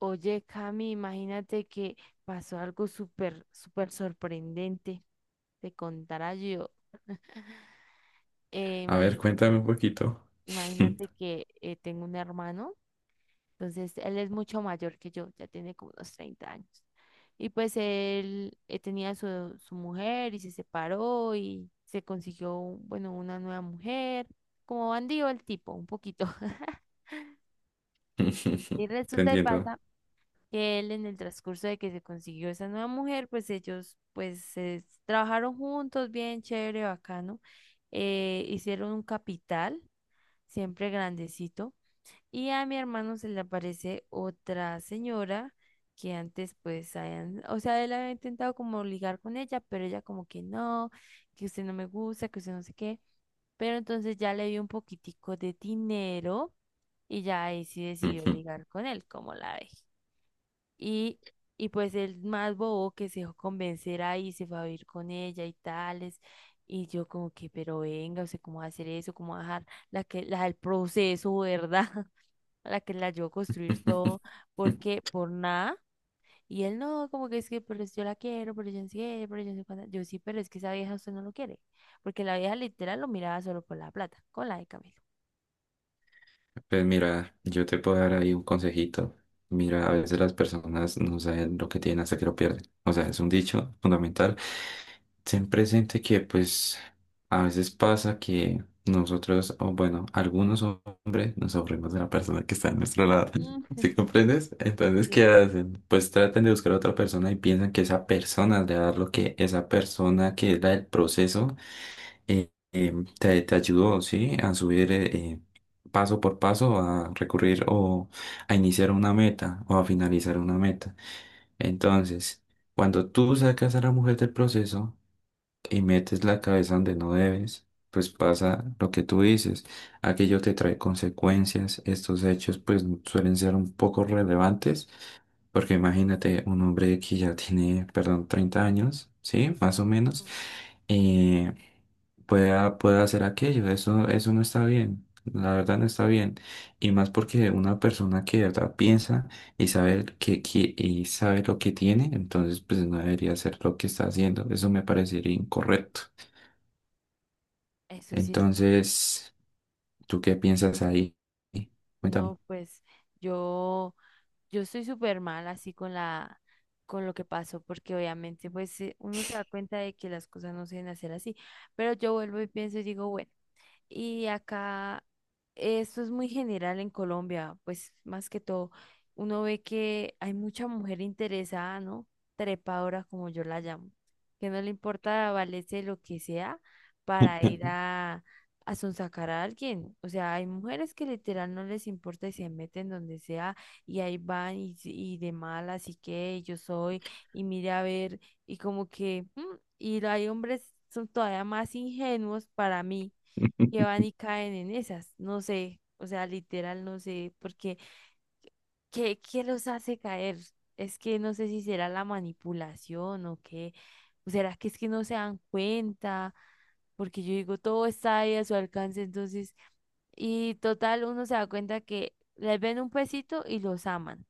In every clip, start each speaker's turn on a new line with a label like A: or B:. A: Oye, Cami, imagínate que pasó algo súper, súper sorprendente. Te contará yo. Eh,
B: A ver,
A: imagi-
B: cuéntame un poquito.
A: Imagínate que tengo un hermano, entonces él es mucho mayor que yo, ya tiene como unos 30 años. Y pues él tenía su mujer y se separó y se consiguió, bueno, una nueva mujer. Como bandido el tipo, un poquito. Y
B: Te
A: resulta y
B: entiendo.
A: pasa que él en el transcurso de que se consiguió esa nueva mujer, pues ellos pues se trabajaron juntos, bien chévere, bacano, hicieron un capital, siempre grandecito, y a mi hermano se le aparece otra señora que antes pues habían, o sea, él había intentado como ligar con ella, pero ella como que no, que usted no me gusta, que usted no sé qué, pero entonces ya le dio un poquitico de dinero y ya ahí sí decidió ligar con él, como la ve. Y, y pues el más bobo que se dejó convencer ahí, se fue a vivir con ella y tales. Y yo como que, pero venga, o sea, ¿cómo va a hacer eso? ¿Cómo va a dejar la del proceso, ¿verdad? A la que la ayudó a construir todo, porque por nada. Y él no, como que es que, pero yo la quiero, pero yo no sé qué, pero yo no sé cuánta. Yo sí, pero es que esa vieja usted no lo quiere. Porque la vieja literal lo miraba solo por la plata, con la de Camilo.
B: Pues mira, yo te puedo dar ahí un consejito. Mira, a veces las personas no saben lo que tienen hasta que lo pierden. O sea, es un dicho fundamental. Ten presente que pues a veces pasa que nosotros, o bueno, algunos hombres nos aburrimos de la persona que está a nuestro lado.
A: Mm.
B: ¿Sí comprendes? Entonces, ¿qué
A: Sí,
B: hacen? Pues tratan de buscar a otra persona y piensan que esa persona le va a dar lo que esa persona que era el proceso eh, eh, te ayudó, ¿sí? A subir paso por paso, a recurrir o a iniciar una meta o a finalizar una meta. Entonces, cuando tú sacas a la mujer del proceso, y metes la cabeza donde no debes, pues pasa lo que tú dices. Aquello te trae consecuencias. Estos hechos pues suelen ser un poco relevantes, porque imagínate un hombre que ya tiene, perdón, 30 años,
A: sí.
B: ¿sí? Más o menos,
A: Mm.
B: eh, pueda hacer aquello. Eso no está bien. La verdad no está bien. Y más porque una persona que de verdad piensa y sabe y sabe lo que tiene, entonces pues no debería hacer lo que está haciendo. Eso me parecería incorrecto.
A: Eso sí es cierto.
B: Entonces, ¿tú qué piensas ahí? Cuéntame.
A: No, pues yo. Yo estoy súper mal así con con lo que pasó, porque obviamente pues uno se da cuenta de que las cosas no se deben hacer así, pero yo vuelvo y pienso y digo, bueno. Y acá, esto es muy general en Colombia, pues más que todo, uno ve que hay mucha mujer interesada, ¿no? Trepadora, como yo la llamo, que no le importa valerse lo que sea para ir a sonsacar a alguien. O sea, hay mujeres que literal no les importa y se meten donde sea y ahí van y, s- y de mal, así que yo soy, y mire a ver, y como que, y hay hombres son todavía más ingenuos para mí que van y caen en esas, no sé, o sea, literal no sé, porque ¿qué, qué los hace caer? Es que no sé si será la manipulación o qué, o será que es que no se dan cuenta, porque yo digo, todo está ahí a su alcance, entonces, y total, uno se da cuenta que les ven un pesito y los aman.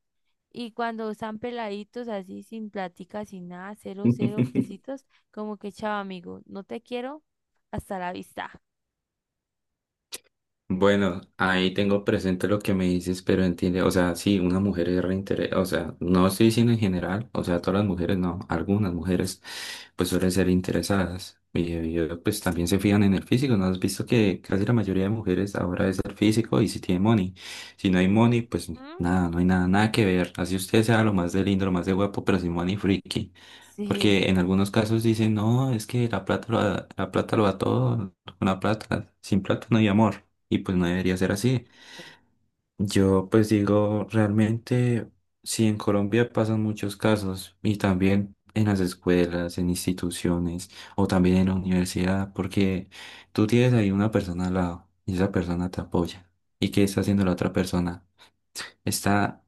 A: Y cuando están peladitos así, sin plática, sin nada, cero, cero pesitos, como que chao amigo, no te quiero, hasta la vista.
B: Bueno, ahí tengo presente lo que me dices, pero entiende, o sea, sí, una mujer es reinteres, o sea, no estoy diciendo en general, o sea, todas las
A: Sí.
B: mujeres, no, algunas mujeres pues suelen ser interesadas y, pues también se fijan en el físico, ¿no? Has visto que casi la mayoría de mujeres ahora es el físico y si tiene money, si no hay money, pues
A: Ujú.
B: nada, no hay nada, nada que ver, así usted sea lo más de lindo, lo más de guapo, pero sin money, friki.
A: Sí,
B: Porque en algunos casos dicen, no, es que la plata lo da todo, con la plata, sin plata no hay amor y pues no debería ser así.
A: exacto.
B: Yo pues digo, realmente, si en Colombia pasan muchos casos y también en las escuelas, en instituciones o también en la universidad, porque tú tienes ahí una persona al lado y esa persona te apoya. ¿Y qué está haciendo la otra persona? Está,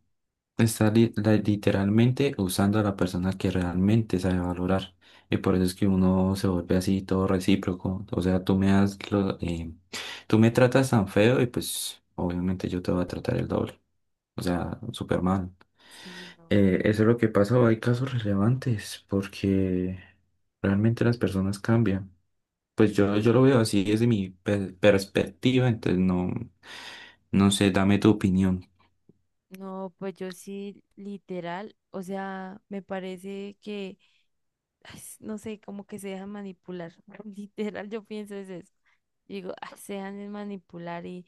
B: está literalmente usando a la persona que realmente sabe valorar. Y por eso es que uno se vuelve así todo recíproco. O sea, tú me tratas tan feo y pues obviamente yo te voy a tratar el doble. O sea, súper mal.
A: Sí, no.
B: Eso es lo que pasa. O hay casos relevantes porque realmente las personas cambian. Pues yo lo veo así desde mi perspectiva, entonces no, no sé, dame tu opinión.
A: No, pues yo sí, literal, o sea, me parece que, ay, no sé, como que se dejan manipular. Literal, yo pienso es eso. Digo, "Ah, se dejan de manipular y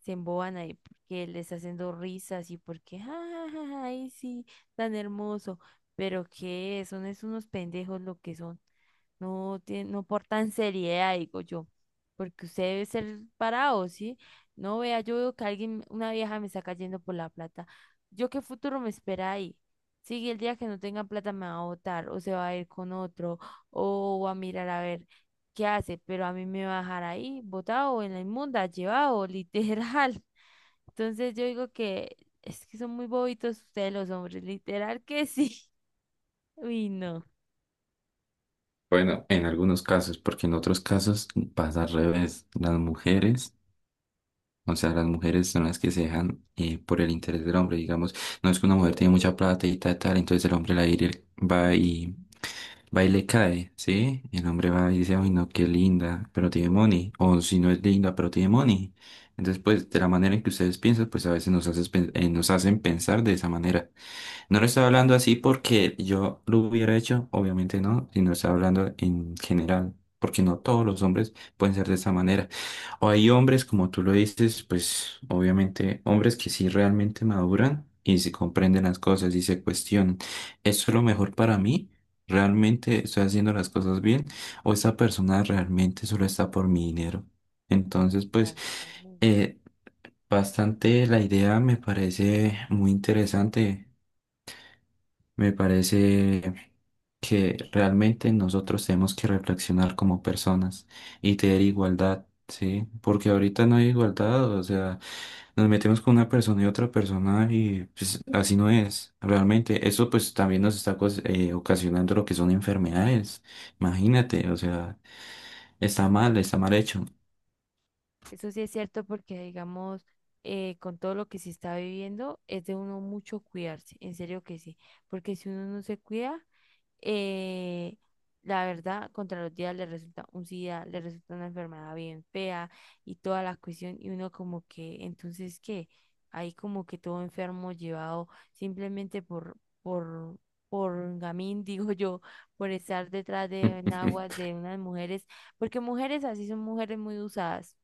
A: se emboban ahí porque les haciendo risas y porque, ja, ja, ja, ja, ay, sí, tan hermoso. Pero que son es unos pendejos lo que son. No, tie- no portan seriedad, digo yo, porque usted debe ser parado, ¿sí? No vea, yo veo que alguien, una vieja me está cayendo por la plata. ¿Yo qué futuro me espera ahí? Sí, el día que no tenga plata me va a botar, o se va a ir con otro, o va a mirar a ver qué hace, pero a mí me va a dejar ahí, botado, en la inmunda, llevado, literal. Entonces yo digo que es que son muy bobitos ustedes los hombres, literal que sí. Uy, no.
B: Bueno, en algunos casos, porque en otros casos pasa al revés. Las mujeres, o sea, las mujeres son las que se dejan por el interés del hombre, digamos. No es que una mujer tiene mucha plata y tal, tal, entonces el hombre la ir- va y, va y le cae, ¿sí? El hombre va y dice, ay, no, qué linda, pero tiene money. O si no es linda, pero tiene money. Entonces, pues, de la manera en que ustedes piensan, pues a veces nos hacen pensar de esa manera. No lo estoy hablando así porque yo lo hubiera hecho, obviamente no, sino estoy hablando en general, porque no todos los hombres pueden ser de esa manera. O hay hombres, como tú lo dices, pues obviamente hombres que sí realmente maduran y se comprenden las cosas y se cuestionan. ¿Esto es lo mejor para mí? ¿Realmente estoy haciendo las cosas bien? ¿O esta persona realmente solo está por mi dinero? Entonces, pues,
A: Exactamente.
B: eh, bastante la idea me parece muy interesante. Me parece que realmente nosotros tenemos que reflexionar como personas y tener igualdad, ¿sí? Porque ahorita no hay igualdad, o sea, nos metemos con una persona y otra persona y pues así no es, realmente. Eso pues también nos está ocasionando lo que son enfermedades, imagínate, o sea, está mal hecho.
A: Eso sí es cierto porque, digamos, con todo lo que se está viviendo, es de uno mucho cuidarse, en serio que sí, porque si uno no se cuida, eh, la verdad, contra los días le resulta un SIDA, le resulta una enfermedad bien fea y toda la cuestión, y uno como que, entonces, ¿qué? Ahí como que todo enfermo llevado simplemente por, por gamín, digo yo, por estar detrás de enaguas de unas mujeres, porque mujeres así son mujeres muy usadas.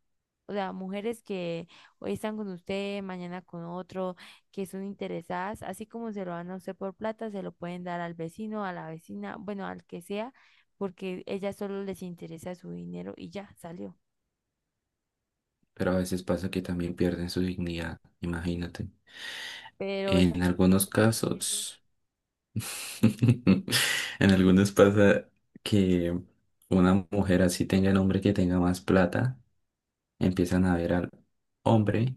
A: O sea, mujeres que hoy están con usted, mañana con otro, que son interesadas, así como se lo dan a usted por plata, se lo pueden dar al vecino, a la vecina, bueno, al que sea, porque ella solo les interesa su dinero y ya salió.
B: Pero a veces pasa que también pierden su dignidad, imagínate.
A: Pero esta
B: En algunos
A: gente ya no tiene,
B: casos. En algunos pasa que una mujer así tenga el hombre que tenga más plata, empiezan a ver al hombre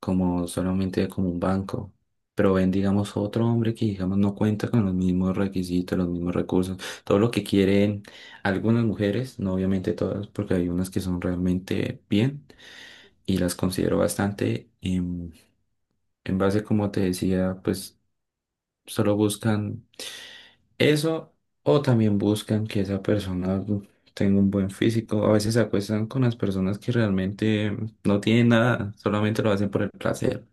B: como solamente como un banco, pero ven, digamos, otro hombre que, digamos, no cuenta con los mismos requisitos, los mismos recursos, todo lo que quieren algunas mujeres, no obviamente todas, porque hay unas que son realmente bien y las considero bastante, en base, como te decía, pues solo buscan eso, o también buscan que esa persona tenga un buen físico. A veces se acuestan con las personas que realmente no tienen nada, solamente lo hacen por el placer.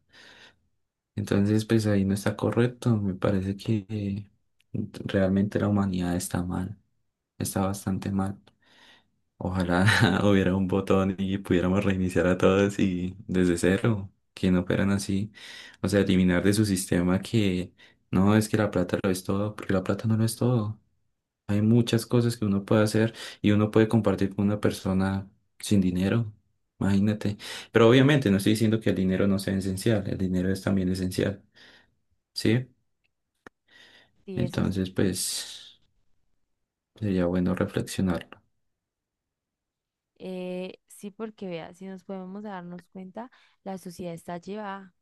B: Entonces, pues ahí no está correcto. Me parece que realmente la humanidad está mal, está bastante mal. Ojalá hubiera un botón y pudiéramos reiniciar a todos y desde cero, que no operan así. O sea, eliminar de su sistema que no es que la plata lo es todo, porque la plata no lo es todo. Hay muchas cosas que uno puede hacer y uno puede compartir con una persona sin dinero, imagínate. Pero obviamente no estoy diciendo que el dinero no sea esencial, el dinero es también esencial, ¿sí?
A: sí, eso sí.
B: Entonces, pues sería bueno reflexionarlo.
A: Sí, porque vea, si nos podemos darnos cuenta, la sociedad está llevada,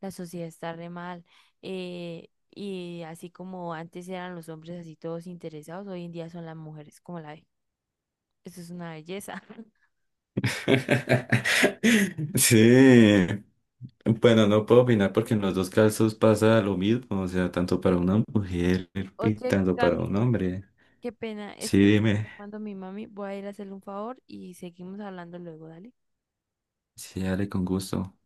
A: la sociedad está re mal. eh, y así como antes eran los hombres así todos interesados, hoy en día son las mujeres, como la ve. Eso es una belleza.
B: Sí, bueno, no puedo opinar porque en los dos casos pasa lo mismo, o sea, tanto para una mujer y
A: Oye,
B: tanto para un
A: Cami,
B: hombre.
A: qué pena,
B: Sí,
A: es que me
B: dime.
A: está llamando mi mami. Voy a ir a hacerle un favor y seguimos hablando luego, dale.
B: Sí, dale con gusto.